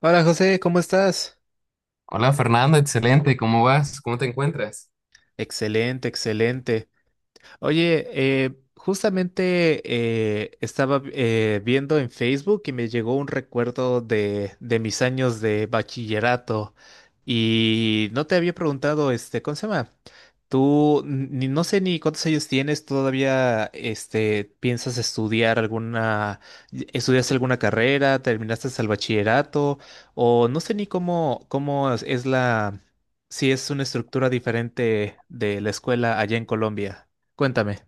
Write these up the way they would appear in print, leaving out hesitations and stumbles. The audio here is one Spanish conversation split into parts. Hola José, ¿cómo estás? Hola Fernando, excelente, ¿cómo vas? ¿Cómo te encuentras? Excelente, excelente. Oye, justamente estaba viendo en Facebook y me llegó un recuerdo de mis años de bachillerato y no te había preguntado, este, ¿cómo se llama? Tú, n- ni, no sé ni cuántos años tienes, todavía, este, piensas estudiar alguna, estudias alguna carrera, terminaste el bachillerato o no sé ni cómo es si es una estructura diferente de la escuela allá en Colombia. Cuéntame.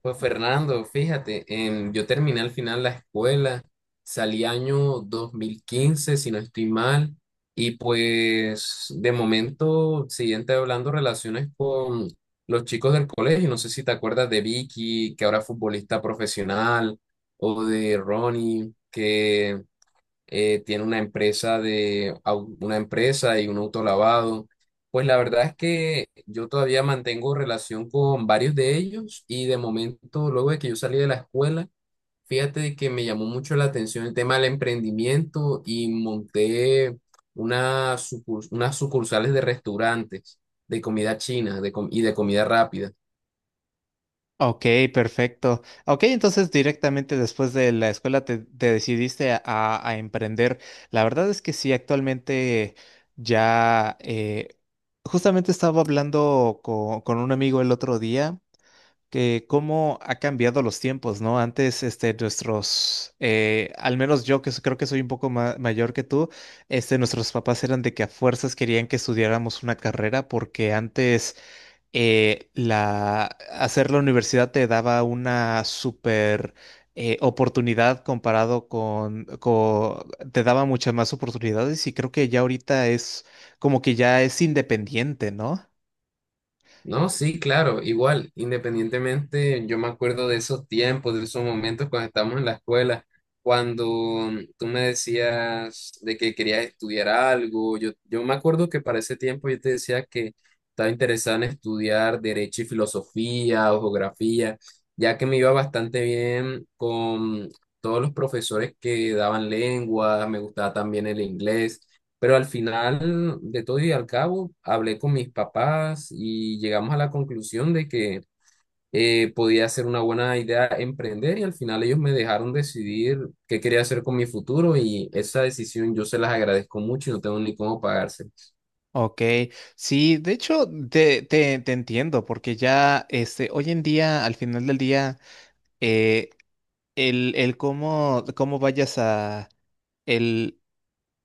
Pues Fernando, fíjate, yo terminé al final la escuela, salí año 2015, si no estoy mal, y pues de momento siguiente hablando relaciones con los chicos del colegio, no sé si te acuerdas de Vicky, que ahora es futbolista profesional, o de Ronnie, que tiene una empresa y un autolavado. Pues la verdad es que yo todavía mantengo relación con varios de ellos y de momento, luego de que yo salí de la escuela, fíjate que me llamó mucho la atención el tema del emprendimiento y monté unas sucursales de restaurantes de comida china de com- y de comida rápida. Ok, perfecto. Ok, entonces directamente después de la escuela te decidiste a, a emprender. La verdad es que sí, actualmente ya justamente estaba hablando con un amigo el otro día que cómo ha cambiado los tiempos, ¿no? Antes, este, nuestros, al menos yo que creo que soy un poco mayor que tú, este, nuestros papás eran de que a fuerzas querían que estudiáramos una carrera porque antes eh, la, hacer la universidad te daba una super oportunidad te daba muchas más oportunidades y creo que ya ahorita es como que ya es independiente, ¿no? No, sí, claro, igual, independientemente, yo me acuerdo de esos tiempos, de esos momentos cuando estábamos en la escuela, cuando tú me decías de que querías estudiar algo, yo me acuerdo que para ese tiempo yo te decía que estaba interesado en estudiar derecho y filosofía o geografía, ya que me iba bastante bien con todos los profesores que daban lengua, me gustaba también el inglés. Pero al final de todo y al cabo, hablé con mis papás y llegamos a la conclusión de que podía ser una buena idea emprender y al final ellos me dejaron decidir qué quería hacer con mi futuro y esa decisión yo se las agradezco mucho y no tengo ni cómo pagársela. Ok, sí, de hecho te entiendo porque ya este, hoy en día, al final del día, eh, el cómo, cómo vayas a...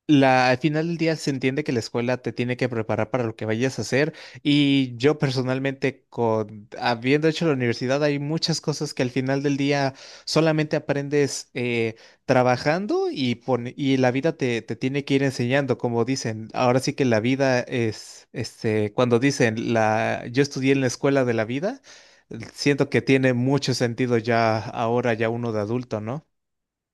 Al final del día se entiende que la escuela te tiene que preparar para lo que vayas a hacer y yo personalmente, habiendo hecho la universidad, hay muchas cosas que al final del día solamente aprendes trabajando y la vida te tiene que ir enseñando, como dicen. Ahora sí que la vida es, este, cuando dicen, yo estudié en la escuela de la vida, siento que tiene mucho sentido ya ahora, ya uno de adulto, ¿no?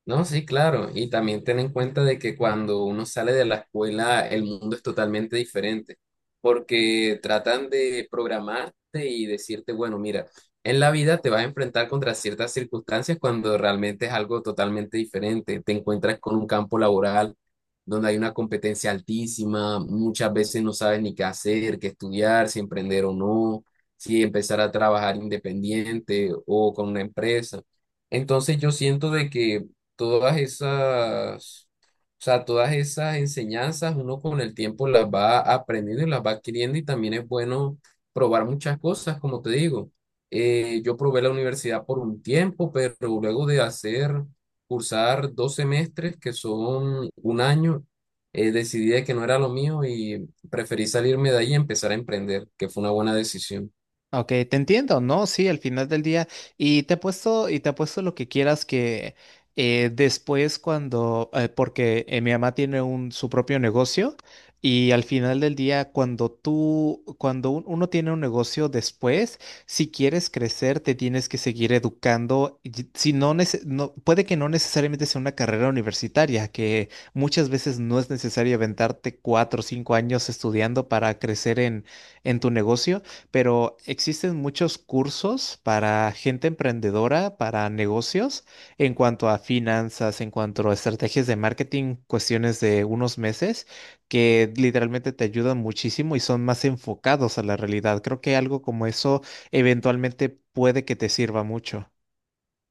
No, sí, claro. Y también ten en cuenta de que cuando uno sale de la escuela, el mundo es totalmente diferente, porque tratan de programarte y decirte, bueno, mira, en la vida te vas a enfrentar contra ciertas circunstancias cuando realmente es algo totalmente diferente. Te encuentras con un campo laboral donde hay una competencia altísima, muchas veces no sabes ni qué hacer, qué estudiar, si emprender o no, si empezar a trabajar independiente o con una empresa. Entonces yo siento de que todas esas, o sea, todas esas enseñanzas uno con el tiempo las va aprendiendo y las va adquiriendo y también es bueno probar muchas cosas, como te digo. Yo probé la universidad por un tiempo, pero luego de hacer, cursar 2 semestres, que son 1 año, decidí de que no era lo mío y preferí salirme de ahí y empezar a emprender, que fue una buena decisión. Ok, te entiendo, ¿no? Sí, al final del día. Y te apuesto lo que quieras que después porque mi mamá tiene su propio negocio y al final del día cuando tú, cuando uno tiene un negocio después, si quieres crecer, te tienes que seguir educando. Si no, no, puede que no necesariamente sea una carrera universitaria, que muchas veces no es necesario aventarte 4 o 5 años estudiando para crecer en tu negocio, pero existen muchos cursos para gente emprendedora, para negocios, en cuanto a finanzas, en cuanto a estrategias de marketing, cuestiones de unos meses, que literalmente te ayudan muchísimo y son más enfocados a la realidad. Creo que algo como eso eventualmente puede que te sirva mucho.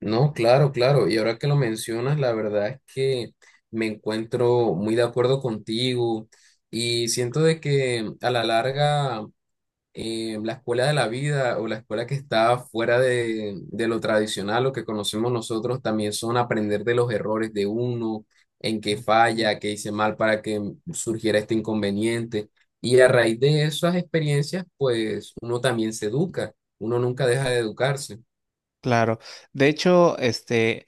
No, claro, claro. Y ahora que lo mencionas, la verdad es que me encuentro muy de acuerdo contigo y siento de que a la larga la escuela de la vida o la escuela que está fuera de lo tradicional, lo que conocemos nosotros, también son aprender de los errores de uno, en qué falla, qué hice mal para que surgiera este inconveniente. Y a raíz de esas experiencias, pues uno también se educa, uno nunca deja de educarse. Claro. De hecho, este,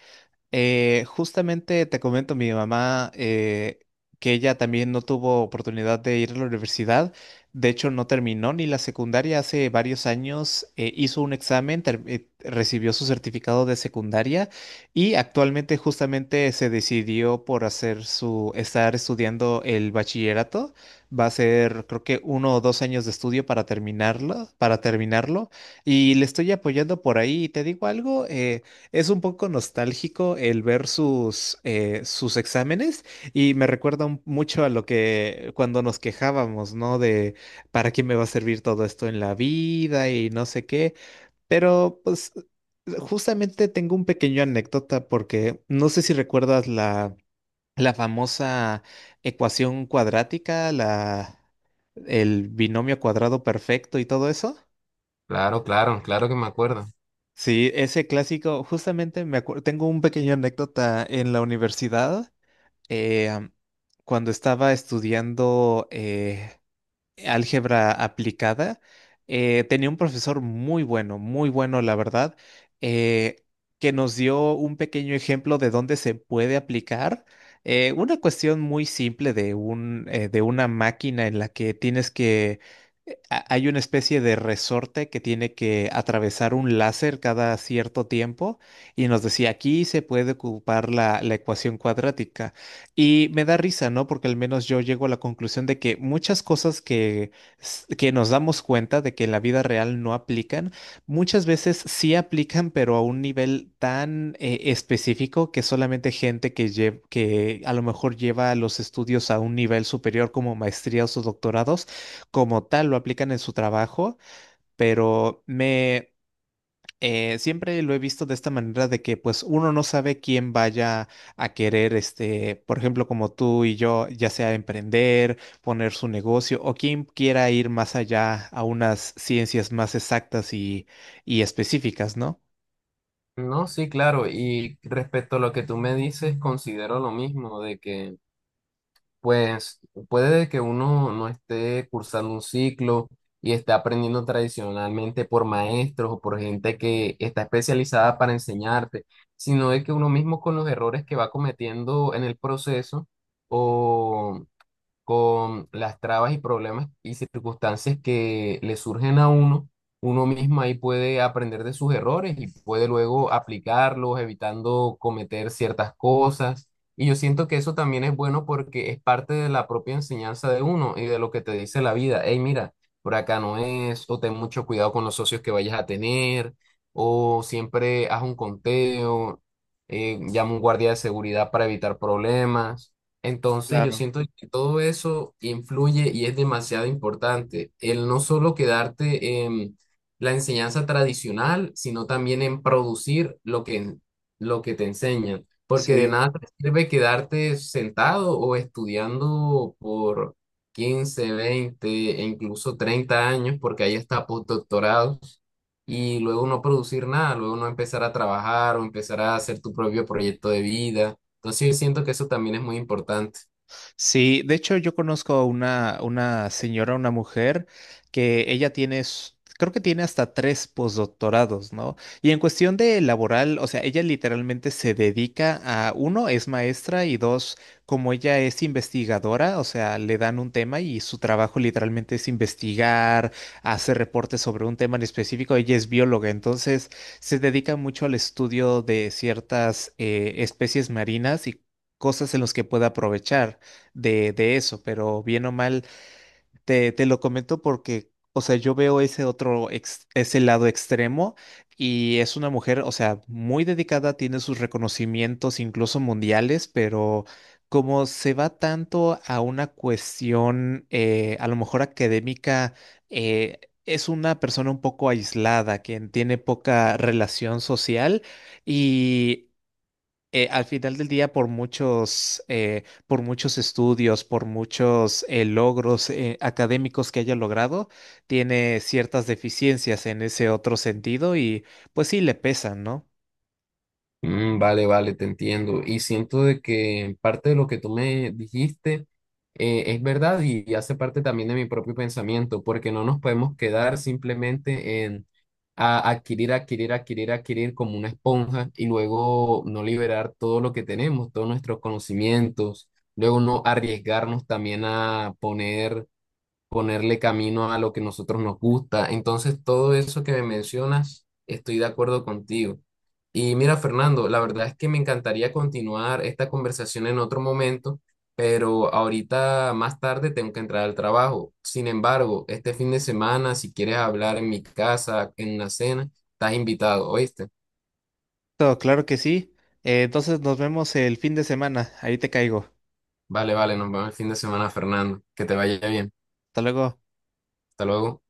Justamente te comento mi mamá que ella también no tuvo oportunidad de ir a la universidad. De hecho, no terminó ni la secundaria. Hace varios años hizo un examen, recibió su certificado de secundaria y actualmente justamente se decidió por hacer su, estar estudiando el bachillerato. Va a ser, creo que 1 o 2 años de estudio para terminarlo, para terminarlo. Y le estoy apoyando por ahí. ¿Te digo algo? Es un poco nostálgico el ver sus exámenes y me recuerda mucho a lo que cuando nos quejábamos, ¿no? De para qué me va a servir todo esto en la vida y no sé qué. Pero pues justamente tengo un pequeño anécdota porque no sé si recuerdas la famosa ecuación cuadrática, el binomio cuadrado perfecto y todo eso. Claro, claro, claro que me acuerdo. Sí, ese clásico, justamente me acuerdo, tengo un pequeño anécdota en la universidad, eh, am, cuando estaba estudiando álgebra aplicada. Tenía un profesor muy bueno, muy bueno, la verdad, eh, que nos dio un pequeño ejemplo de dónde se puede aplicar. Una cuestión muy simple de una máquina en la que tienes que, hay una especie de resorte que tiene que atravesar un láser cada cierto tiempo y nos decía, aquí se puede ocupar la ecuación cuadrática. Y me da risa, ¿no? Porque al menos yo llego a la conclusión de que muchas cosas que nos damos cuenta de que en la vida real no aplican, muchas veces sí aplican, pero a un nivel tan específico que solamente gente que a lo mejor lleva los estudios a un nivel superior como maestrías o doctorados, como tal, lo aplican en su trabajo, pero me siempre lo he visto de esta manera de que pues uno no sabe quién vaya a querer, este, por ejemplo, como tú y yo, ya sea emprender, poner su negocio o quien quiera ir más allá a unas ciencias más exactas y específicas, ¿no? No, sí, claro. Y respecto a lo que tú me dices, considero lo mismo, de que, pues, puede que uno no esté cursando un ciclo y esté aprendiendo tradicionalmente por maestros o por gente que está especializada para enseñarte, sino de que uno mismo con los errores que va cometiendo en el proceso con las trabas y problemas y circunstancias que le surgen a uno, uno mismo ahí puede aprender de sus errores y puede luego aplicarlos, evitando cometer ciertas cosas. Y yo siento que eso también es bueno porque es parte de la propia enseñanza de uno y de lo que te dice la vida. Hey, mira, por acá no es, o ten mucho cuidado con los socios que vayas a tener, o siempre haz un conteo, llama un guardia de seguridad para evitar problemas. Entonces yo Claro, siento que todo eso influye y es demasiado importante. El no solo quedarte en la enseñanza tradicional, sino también en producir lo que te enseñan. Porque de sí. nada te sirve quedarte sentado o estudiando por 15 20 e incluso 30 años, porque ahí está postdoctorados y luego no producir nada, luego no empezar a trabajar o empezar a hacer tu propio proyecto de vida. Entonces yo siento que eso también es muy importante. Sí, de hecho yo conozco a una señora, una mujer, que ella tiene, creo que tiene hasta tres postdoctorados, ¿no? Y en cuestión de laboral, o sea, ella literalmente se dedica a, uno, es maestra y dos, como ella es investigadora, o sea, le dan un tema y su trabajo literalmente es investigar, hacer reportes sobre un tema en específico, ella es bióloga, entonces se dedica mucho al estudio de ciertas especies marinas y cosas en las que pueda aprovechar de eso, pero bien o mal, te lo comento porque, o sea, yo veo ese otro, ese lado extremo y es una mujer, o sea, muy dedicada, tiene sus reconocimientos incluso mundiales, pero como se va tanto a una cuestión, a lo mejor académica, eh, es una persona un poco aislada, quien tiene poca relación social y al final del día, por muchos estudios, por muchos logros académicos que haya logrado, tiene ciertas deficiencias en ese otro sentido y pues sí le pesan, ¿no? Mm, vale, vale, te entiendo. Y siento de que parte de lo que tú me dijiste es verdad y hace parte también de mi propio pensamiento, porque no nos podemos quedar simplemente en adquirir, adquirir, adquirir, adquirir como una esponja y luego no liberar todo lo que tenemos, todos nuestros conocimientos, luego no arriesgarnos también a ponerle camino a lo que nosotros nos gusta. Entonces, todo eso que me mencionas, estoy de acuerdo contigo. Y mira, Fernando, la verdad es que me encantaría continuar esta conversación en otro momento, pero ahorita más tarde tengo que entrar al trabajo. Sin embargo, este fin de semana, si quieres hablar en mi casa, en una cena, estás invitado, ¿oíste? Todo, claro que sí. Entonces nos vemos el fin de semana. Ahí te caigo. Vale, vale, nos vemos el fin de semana, Fernando. Que te vaya bien. Hasta luego. Hasta luego.